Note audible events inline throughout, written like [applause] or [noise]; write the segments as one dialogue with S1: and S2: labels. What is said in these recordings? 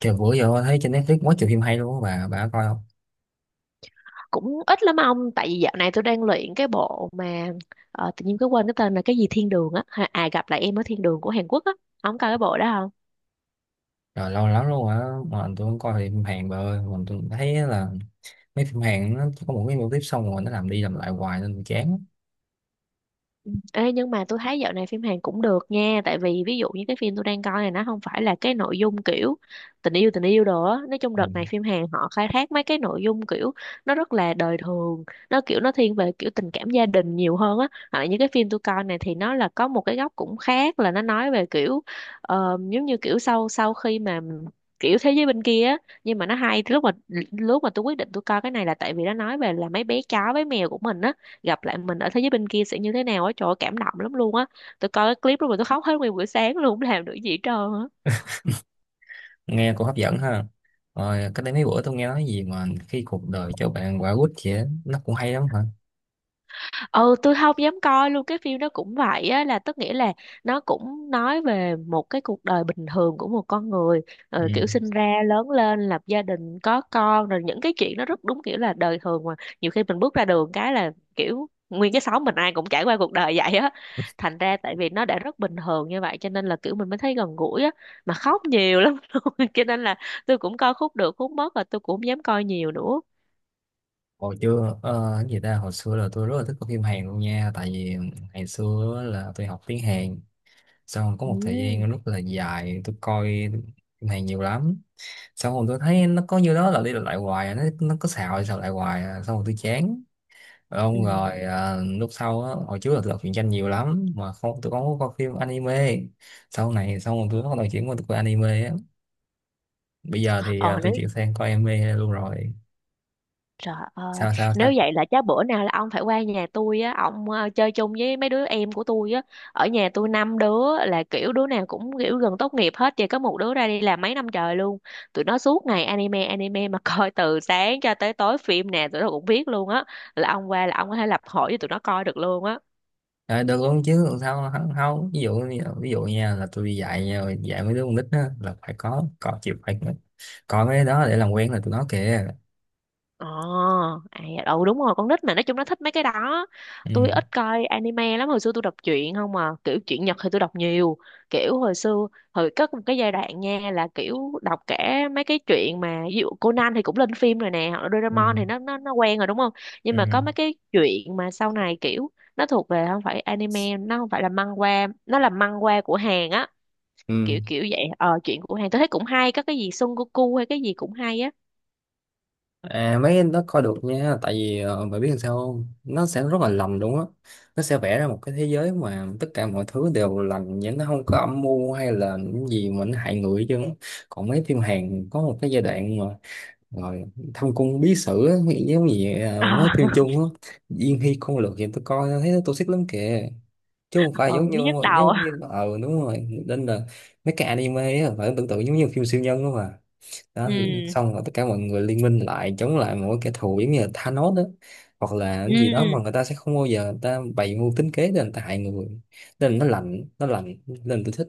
S1: Trời bữa giờ thấy trên Netflix quá trời phim hay luôn á, bà có coi không?
S2: Cũng ít lắm ông tại vì dạo này tôi đang luyện cái bộ mà tự nhiên cứ quên cái tên là cái gì thiên đường á. À, gặp lại em ở thiên đường của Hàn Quốc á, ông coi cái bộ đó.
S1: Trời, lâu lắm luôn á, mà tôi không coi phim Hàn bà ơi. Mà tôi thấy là mấy phim Hàn nó có một cái mô típ xong rồi nó làm đi làm lại hoài nên tôi chán.
S2: Ừ. Ê, nhưng mà tôi thấy dạo này phim Hàn cũng được nha, tại vì ví dụ như cái phim tôi đang coi này nó không phải là cái nội dung kiểu tình yêu đồ á. Nói chung
S1: Ừ.
S2: đợt này phim Hàn họ khai thác mấy cái nội dung kiểu nó rất là đời thường, nó kiểu nó thiên về kiểu tình cảm gia đình nhiều hơn á, hoặc là những cái phim tôi coi này thì nó là có một cái góc cũng khác, là nó nói về kiểu giống như kiểu sau sau khi mà kiểu thế giới bên kia á. Nhưng mà nó hay, lúc mà tôi quyết định tôi coi cái này là tại vì nó nói về là mấy bé chó bé mèo của mình á, gặp lại mình ở thế giới bên kia sẽ như thế nào á. Trời ơi, cảm động lắm luôn á. Tôi coi cái clip đó mà tôi khóc hết nguyên buổi sáng luôn, không làm được gì hết trơn á.
S1: Nghe cũng hấp dẫn ha. Rồi cách đây mấy bữa tôi nghe nói gì mà khi cuộc đời cho bạn quả quýt vậy á, nó cũng hay lắm hả?
S2: Ừ, tôi không dám coi luôn. Cái phim đó cũng vậy á, là tức nghĩa là nó cũng nói về một cái cuộc đời bình thường của một con người.
S1: Ừ.
S2: Kiểu sinh ra lớn lên lập gia đình có con, rồi những cái chuyện nó rất đúng kiểu là đời thường mà nhiều khi mình bước ra đường cái là kiểu nguyên cái xóm mình ai cũng trải qua cuộc đời vậy á. Thành ra tại vì nó đã rất bình thường như vậy cho nên là kiểu mình mới thấy gần gũi á, mà khóc nhiều lắm [laughs] luôn cho nên là tôi cũng coi khúc được khúc mất, và tôi cũng không dám coi nhiều nữa.
S1: Hồi chưa ờ, Cái gì ta, hồi xưa là tôi rất là thích coi phim Hàn luôn nha, tại vì ngày xưa á là tôi học tiếng Hàn, xong có
S2: Ừ.
S1: một thời gian rất là dài tôi coi phim Hàn nhiều lắm. Xong rồi tôi thấy nó có như đó là đi lặp lại hoài à, nó có xào đi xào lại hoài à. Xong rồi tôi chán.
S2: Ừ.
S1: Lúc sau á, hồi trước là tôi đọc truyện tranh nhiều lắm mà không, tôi không có coi phim anime. Sau này xong rồi tôi bắt đầu chuyển qua tôi coi anime á. Bây giờ thì
S2: ờ
S1: tôi
S2: Nếu,
S1: chuyển sang coi anime luôn rồi.
S2: trời ơi,
S1: Sao sao sao
S2: nếu vậy là chắc bữa nào là ông phải qua nhà tôi á, ông chơi chung với mấy đứa em của tôi á. Ở nhà tôi năm đứa là kiểu đứa nào cũng kiểu gần tốt nghiệp hết, chỉ có một đứa ra đi làm mấy năm trời luôn. Tụi nó suốt ngày anime anime mà [laughs] coi từ sáng cho tới tối phim nè, tụi nó cũng biết luôn á. Là ông qua là ông có thể lập hội với tụi nó coi được luôn á.
S1: À, được luôn chứ làm sao không, không. Ví dụ nha, là tôi đi dạy nha, dạy mấy đứa con nít á là phải có, có phải coi mấy cái đó để làm quen là tụi nó kìa.
S2: Ờ, à, dạ, ừ đúng rồi, con nít mà nói chung nó thích mấy cái đó. Tôi
S1: Ừ.
S2: ít coi anime lắm, hồi xưa tôi đọc truyện không mà, kiểu truyện Nhật thì tôi đọc nhiều. Kiểu hồi xưa, hồi có một cái giai đoạn nha là kiểu đọc cả mấy cái truyện mà ví dụ Conan thì cũng lên phim rồi nè, hoặc là
S1: Ừ.
S2: Doraemon thì nó quen rồi đúng không? Nhưng mà có
S1: Ừ.
S2: mấy cái truyện mà sau này kiểu nó thuộc về không phải anime, nó không phải là manhwa, nó là manhwa của Hàn á, kiểu
S1: Ừ.
S2: kiểu vậy. Ờ, truyện của Hàn tôi thấy cũng hay, có cái gì Son Goku hay cái gì cũng hay á.
S1: À, mấy anh nó coi được nha, tại vì mày biết làm sao không, nó sẽ rất là lành luôn á. Nó sẽ vẽ ra một cái thế giới mà tất cả mọi thứ đều lành, nhưng nó không có âm mưu hay là những gì mà nó hại người chứ. Còn mấy phim Hàn có một cái giai đoạn mà, rồi thâm cung bí sử á, giống như mấy phim
S2: [laughs]
S1: Trung á, Diên Hy Công Lược thì tôi coi thấy nó toxic lắm kìa, chứ không
S2: Ờ,
S1: phải
S2: ừ,
S1: giống như,
S2: nhức đầu.
S1: giống như đúng rồi. Nên là mấy cái anime á phải tưởng tượng giống như phim siêu nhân đó mà. Đó thì
S2: Ừ.
S1: xong rồi tất cả mọi người liên minh lại chống lại một cái kẻ thù giống như là Thanos đó, hoặc là cái
S2: Ừ.
S1: gì đó mà người ta sẽ không bao giờ người ta bày mưu tính kế để người ta hại người. Nên nó lạnh, nên tôi thích.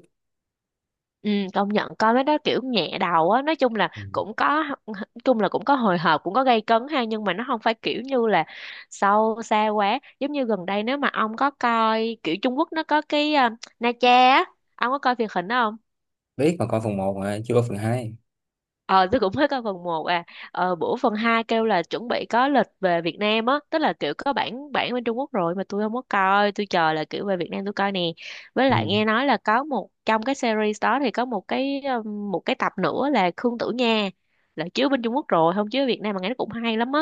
S2: Ừ công nhận coi mấy đó kiểu nhẹ đầu á. Nói chung là
S1: Ừ.
S2: cũng có, nói chung là cũng có hồi hộp, cũng có gây cấn ha, nhưng mà nó không phải kiểu như là sâu xa quá. Giống như gần đây nếu mà ông có coi kiểu Trung Quốc, nó có cái Na Cha á, ông có coi truyền hình đó không?
S1: Biết, mà coi phần một mà chưa có phần hai.
S2: Ờ, tôi cũng mới coi phần một à. Ờ, bữa phần 2 kêu là chuẩn bị có lịch về Việt Nam á, tức là kiểu có bản bản bên Trung Quốc rồi mà tôi không có coi, tôi chờ là kiểu về Việt Nam tôi coi nè. Với lại
S1: Ừ.
S2: nghe nói là có một trong cái series đó thì có một cái tập nữa là Khương Tử Nha, là chiếu bên Trung Quốc rồi, không chiếu ở Việt Nam mà nghe nó cũng hay lắm á.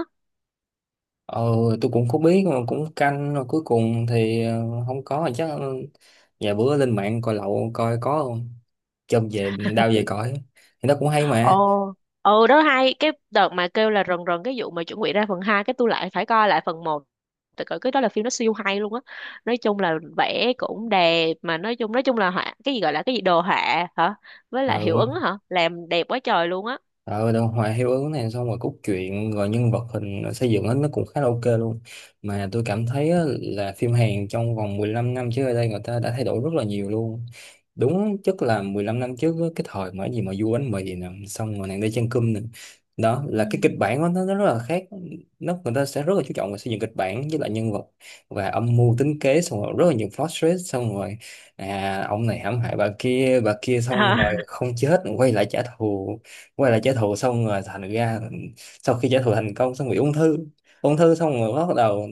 S1: ờ tôi cũng không biết mà cũng canh rồi, cuối cùng thì không có chắc, ừ, vài bữa lên mạng coi lậu coi có không, chôm về đau về cõi, thì nó cũng hay
S2: Ồ,
S1: mà.
S2: ừ đó hay. Cái đợt mà kêu là rần rần cái vụ mà chuẩn bị ra phần 2 cái tôi lại phải coi lại phần một, tại cỡ cái đó là phim nó siêu hay luôn á. Nói chung là vẽ cũng đẹp mà nói chung là họa, cái gì gọi là cái gì, đồ họa hả, với lại hiệu ứng
S1: Ừ.
S2: hả, làm đẹp quá trời luôn á.
S1: Ờ, đồ hòa, hiệu ứng này, xong rồi cốt truyện, rồi nhân vật hình xây dựng hết nó cũng khá là ok luôn. Mà tôi cảm thấy á, là phim Hàn trong vòng 15 năm trước ở đây người ta đã thay đổi rất là nhiều luôn. Đúng, chắc là 15 năm trước á, cái thời mà cái gì mà du bánh mì nè, xong rồi nàng đi chân cơm nè, đó
S2: Ừ.
S1: là cái kịch bản của nó rất là khác. Nó, người ta sẽ rất là chú trọng vào xây dựng kịch bản với lại nhân vật và âm mưu tính kế, xong rồi rất là nhiều plot twist. Xong rồi à, ông này hãm hại bà kia, bà kia xong rồi
S2: Hả?
S1: không chết quay lại trả thù, quay lại trả thù. Xong rồi thành ra sau khi trả thù thành công xong bị ung thư. Ung thư xong rồi bắt đầu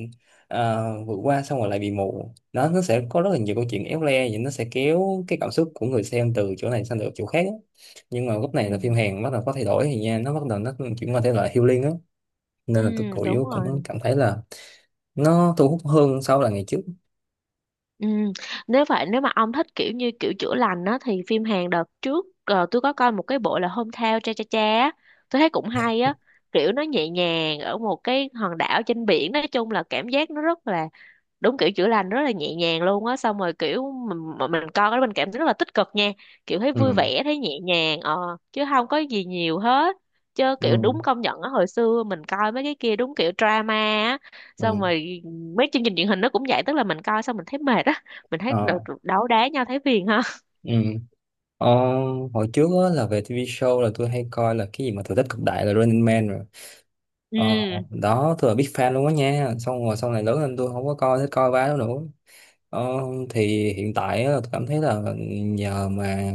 S1: à, vượt qua, xong rồi lại bị mù. Nó sẽ có rất là nhiều câu chuyện éo le vậy, nó sẽ kéo cái cảm xúc của người xem từ chỗ này sang được chỗ khác á. Nhưng mà lúc
S2: Ừ.
S1: này là phim Hàn bắt đầu có thay đổi thì nha, nó bắt đầu chuyển qua thể loại healing á.
S2: Ừ
S1: Nên là tôi
S2: đúng
S1: cũng cũng
S2: rồi.
S1: cảm thấy là nó thu hút hơn so là ngày trước.
S2: Ừ. Nếu vậy nếu mà ông thích kiểu như kiểu chữa lành á, thì phim Hàn đợt trước tôi có coi một cái bộ là hôm Hometown Cha Cha Cha á, tôi thấy cũng hay á. Kiểu nó nhẹ nhàng ở một cái hòn đảo trên biển, nói chung là cảm giác nó rất là đúng kiểu chữa lành, rất là nhẹ nhàng luôn á. Xong rồi kiểu mình mà mình coi cái mình cảm thấy rất là tích cực nha, kiểu thấy vui
S1: Ừ.
S2: vẻ thấy nhẹ nhàng, ờ chứ không có gì nhiều hết. Chứ kiểu
S1: Ừ.
S2: đúng công nhận á, hồi xưa mình coi mấy cái kia đúng kiểu drama á, xong
S1: Ừ.
S2: rồi mấy chương trình truyền hình nó cũng vậy, tức là mình coi xong mình thấy mệt á, mình thấy
S1: Ờ.
S2: đấu đá nhau thấy phiền ha.
S1: Ừ. Ờ, hồi trước á, là về TV show là tôi hay coi là cái gì mà thử thách cực đại, là Running Man. Ờ,
S2: Ừ.
S1: đó, tôi là big fan luôn á nha. Xong rồi sau này lớn lên tôi không có coi thích coi bá đó nữa. Ờ, thì hiện tại á, tôi cảm thấy là nhờ mà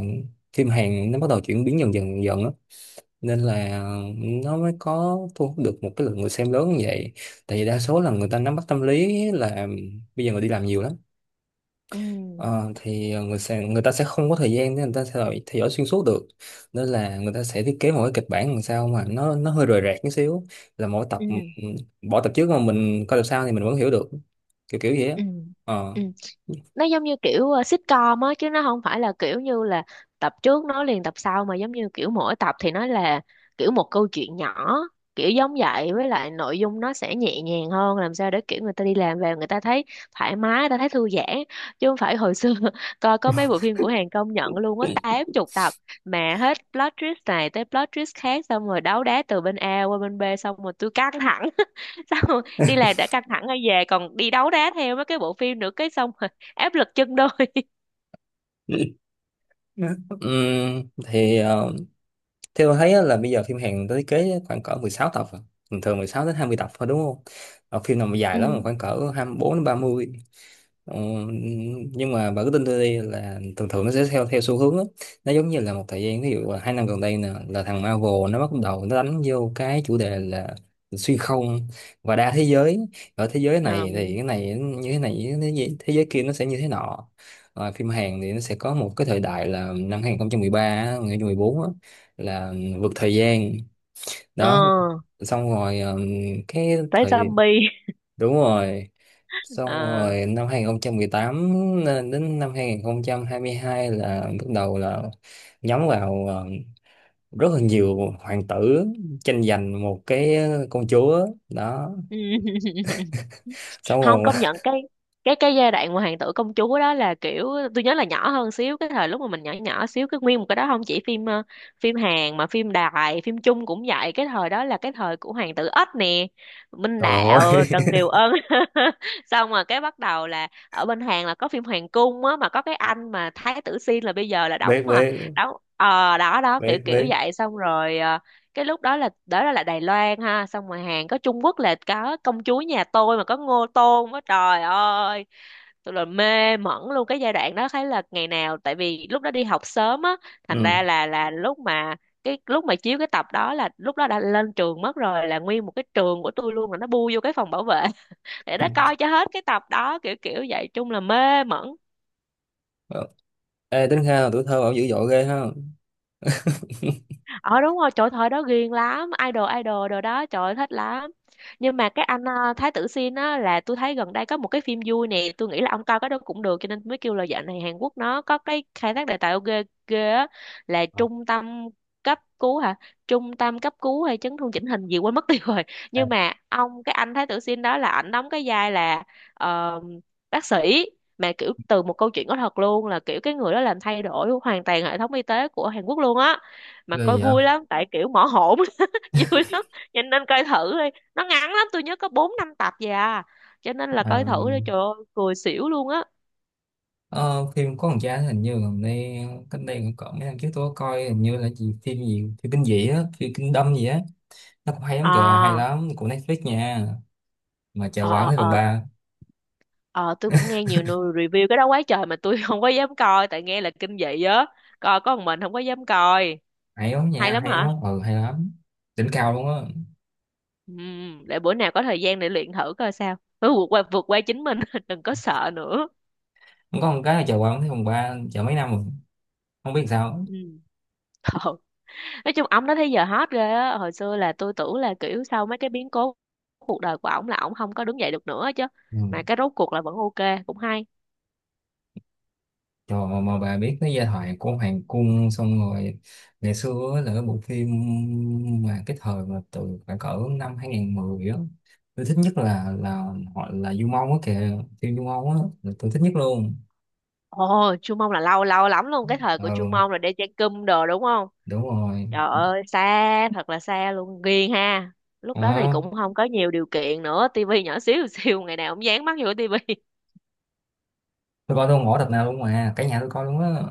S1: phim Hàn nó bắt đầu chuyển biến dần dần dần á, nên là nó mới có thu hút được một cái lượng người xem lớn như vậy. Tại vì đa số là người ta nắm bắt tâm lý là bây giờ người đi làm nhiều lắm.
S2: Ừ.
S1: Ờ, thì người ta sẽ không có thời gian để người ta theo dõi xuyên suốt được. Nên là người ta sẽ thiết kế một cái kịch bản làm sao mà nó hơi rời rạc một xíu, là mỗi tập, ừ,
S2: Ừ.
S1: ừ, bỏ tập trước mà mình coi tập sau thì mình vẫn hiểu được, kiểu kiểu vậy á.
S2: Ừ.
S1: Ờ.
S2: Ừ. Nó giống như kiểu sitcom á, chứ nó không phải là kiểu như là tập trước nói liền tập sau, mà giống như kiểu mỗi tập thì nó là kiểu một câu chuyện nhỏ, kiểu giống vậy. Với lại nội dung nó sẽ nhẹ nhàng hơn, làm sao để kiểu người ta đi làm về người ta thấy thoải mái, người ta thấy thư giãn, chứ không phải hồi xưa [laughs] coi có mấy bộ phim của Hàn công nhận luôn có 80 tập mà hết plot twist này tới plot twist khác, xong rồi đấu đá từ bên A qua bên B, xong rồi tôi căng thẳng [laughs] xong rồi đi làm đã căng thẳng rồi về còn đi đấu đá theo mấy cái bộ phim nữa cái xong áp lực chân đôi.
S1: [laughs] Ừm, thì ờ, theo tôi thấy á, là bây giờ phim Hàn người ta thiết kế khoảng cỡ 16 tập à. Thường thường 16 đến 20 tập thôi đúng không? Ờ, phim nào mà dài
S2: Ừ.
S1: lắm là khoảng cỡ 24 đến 30. Ờ, nhưng mà bà cứ tin tôi đi, là thường thường nó sẽ theo theo xu hướng á. Nó giống như là một thời gian, ví dụ là 2 năm gần đây nè, là thằng Marvel nó bắt đầu đánh vô cái chủ đề là xuyên không và đa thế giới. Ở thế giới
S2: Ờ.
S1: này thì cái này như thế này, thế giới kia nó sẽ như thế nọ. Rồi phim Hàn thì nó sẽ có một cái thời đại là năm 2013 á, 2014 á, là vượt thời gian.
S2: ờ,
S1: Đó, xong rồi cái
S2: Tới
S1: thời,
S2: zombie.
S1: đúng rồi,
S2: [laughs]
S1: xong
S2: Ờ.
S1: rồi năm 2018 đến năm 2022 là bắt đầu là nhắm vào rất là nhiều hoàng tử tranh giành một cái công chúa đó.
S2: Ừ.
S1: Xong
S2: Không
S1: rồi
S2: công
S1: [laughs]
S2: nhận cái, cái giai đoạn mà hoàng tử công chúa đó là kiểu tôi nhớ là nhỏ hơn xíu, cái thời lúc mà mình nhỏ nhỏ xíu, cái nguyên một cái đó không chỉ phim phim Hàn mà phim Đài phim Trung cũng vậy. Cái thời đó là cái thời của hoàng tử Ếch nè, Minh
S1: trời
S2: Đạo
S1: ơi.
S2: Trần Kiều Ân. [laughs] Xong rồi cái bắt đầu là ở bên Hàn là có phim Hoàng cung á, mà có cái anh mà Thái tử Xin là bây giờ là
S1: [laughs]
S2: đóng,
S1: Biết,
S2: mà
S1: biết.
S2: đóng đó đó kiểu
S1: Biết,
S2: kiểu
S1: biết.
S2: vậy. Xong rồi cái lúc đó là Đài Loan ha, xong rồi Hàn có, Trung Quốc là có công chúa nhà tôi mà có Ngô Tôn á, trời ơi tôi là mê mẩn luôn cái giai đoạn đó. Thấy là ngày nào tại vì lúc đó đi học sớm á, thành
S1: Ừ.
S2: ra là lúc mà, cái lúc mà chiếu cái tập đó là lúc đó đã lên trường mất rồi, là nguyên một cái trường của tôi luôn là nó bu vô cái phòng bảo vệ [laughs] để nó coi cho hết cái tập đó, kiểu kiểu vậy, chung là mê mẩn.
S1: Ê, tính ra là tuổi thơ bảo dữ dội ghê ha.
S2: Ờ đúng rồi, trời thời đó ghiền lắm idol idol đồ đó, trời ơi thích lắm. Nhưng mà cái anh Thái Tử Sin á là tôi thấy gần đây có một cái phim vui nè, tôi nghĩ là ông coi cái đó cũng được, cho nên mới kêu là dạo này Hàn Quốc nó có cái khai thác đề tài ghê ghê á, là
S1: Ờ.
S2: trung tâm cấp cứu hả, trung tâm cấp cứu hay chấn thương chỉnh hình gì quên mất tiêu rồi. [laughs] Nhưng mà ông cái anh Thái Tử Sin đó là ảnh đóng cái vai là ờ, bác sĩ, mà kiểu từ một câu chuyện có thật luôn, là kiểu cái người đó làm thay đổi hoàn toàn hệ thống y tế của Hàn Quốc luôn á. Mà
S1: Ghê
S2: coi
S1: gì vậy?
S2: vui lắm tại kiểu mỏ hổn. [laughs] Vui lắm, cho nên coi thử đi, nó ngắn lắm, tôi nhớ có bốn năm tập gì à, cho nên là
S1: À,
S2: coi thử đi, trời ơi cười xỉu luôn á.
S1: ờ, phim có thằng cha hình như gần đây, cách đây cũng cỡ mấy năm trước tôi có coi, hình như là gì phim gì, phim kinh dị á, phim kinh đâm gì á, nó cũng hay lắm kìa, hay
S2: À.
S1: lắm, của Netflix nha. Mà chờ
S2: ờ
S1: quảng
S2: ờ
S1: thấy phòng
S2: ờ
S1: ba.
S2: Ờ, tôi cũng nghe nhiều người review cái đó quá trời mà tôi [laughs] không có dám coi tại nghe là kinh dị á, coi có một mình không có dám coi.
S1: Hay lắm
S2: Hay
S1: nha,
S2: lắm
S1: hay
S2: hả?
S1: lắm, ừ hay lắm. Đỉnh cao luôn á.
S2: Ừ, để bữa nào có thời gian để luyện thử coi sao. Cứ vượt qua chính mình, [laughs] đừng có sợ nữa.
S1: Không có, một cái là chờ quảng thấy phòng ba chờ mấy năm rồi không biết sao.
S2: Ừ. Ờ. Nói chung ổng đó tới giờ hot ghê á, hồi xưa là tôi tưởng là kiểu sau mấy cái biến cố cuộc đời của ổng là ổng không có đứng dậy được nữa chứ,
S1: Ừ.
S2: mà cái rốt cuộc là vẫn ok cũng hay.
S1: Trời, mà bà biết cái giai thoại của Hoàng Cung xong rồi, ngày xưa á là cái bộ phim mà cái thời mà từ khoảng cỡ năm 2010 á, tôi thích nhất là họ là Du Mông á kìa, phim Du Mông á là tôi thích nhất luôn.
S2: Ồ, Chu Mông là lâu lâu lắm luôn, cái thời của Chu
S1: Ừ
S2: Mông là đeo chai cum đồ đúng không.
S1: đúng rồi.
S2: Trời ơi xa thật là xa luôn, ghiền ha. Lúc đó thì
S1: Ờ,
S2: cũng không có nhiều điều kiện nữa, tivi nhỏ xíu [laughs] xíu, ngày nào cũng dán mắt vô tivi.
S1: tôi coi tôi không bỏ tập nào luôn mà cả nhà tôi coi luôn á.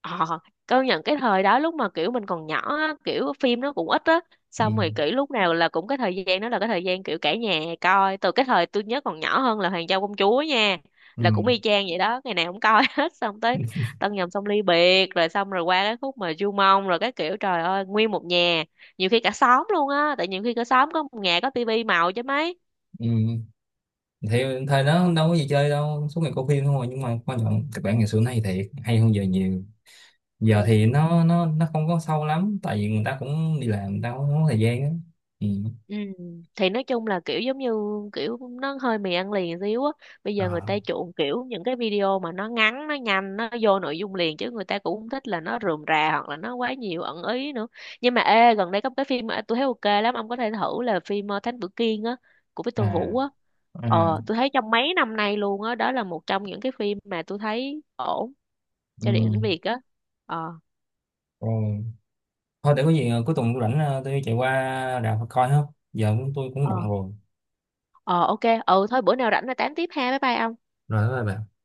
S2: Ờ, công nhận cái thời đó lúc mà kiểu mình còn nhỏ á, kiểu phim nó cũng ít á,
S1: Ừ.
S2: xong rồi kiểu lúc nào là cũng cái thời gian đó là cái thời gian kiểu cả nhà coi. Từ cái thời tôi nhớ còn nhỏ hơn là Hoàng Châu Công Chúa nha,
S1: Ừ.
S2: là cũng y chang vậy đó, ngày nào cũng coi [laughs] hết, xong tới Tân Nhầm Xong Ly Biệt, rồi xong rồi qua cái khúc mà Du Mông rồi cái kiểu trời ơi nguyên một nhà, nhiều khi cả xóm luôn á, tại nhiều khi cả xóm có một nhà có tivi màu chứ mấy.
S1: Ừ. Thì thời đó đâu có gì chơi đâu, suốt ngày coi phim thôi. Nhưng mà quan trọng kịch bản ngày xưa này thiệt hay hơn giờ nhiều. Giờ thì
S2: Ừ.
S1: nó không có sâu lắm, tại vì người ta cũng đi làm, người ta cũng không có thời gian á. Ừ.
S2: Ừ. Thì nói chung là kiểu giống như kiểu nó hơi mì ăn liền xíu á. Bây giờ người
S1: À.
S2: ta chuộng kiểu những cái video mà nó ngắn, nó nhanh, nó vô nội dung liền, chứ người ta cũng không thích là nó rườm rà hoặc là nó quá nhiều ẩn ý nữa. Nhưng mà ê, gần đây có một cái phim mà tôi thấy ok lắm, ông có thể thử là phim Thánh Tử Kiên á, của Victor Vũ
S1: À.
S2: á.
S1: À.
S2: Ờ, tôi thấy trong mấy năm nay luôn á, đó, là một trong những cái phim mà tôi thấy ổn
S1: Ừ.
S2: cho điện ảnh Việt á. Ờ,
S1: Rồi thôi để có gì cuối tuần tôi rảnh, tôi chạy qua rạp coi không. Giờ cũng, tôi cũng bận
S2: ờ,
S1: rồi.
S2: ờ ok. Ừ thôi bữa nào rảnh là tám tiếp ha. Bye bye ông.
S1: Rồi bye bye.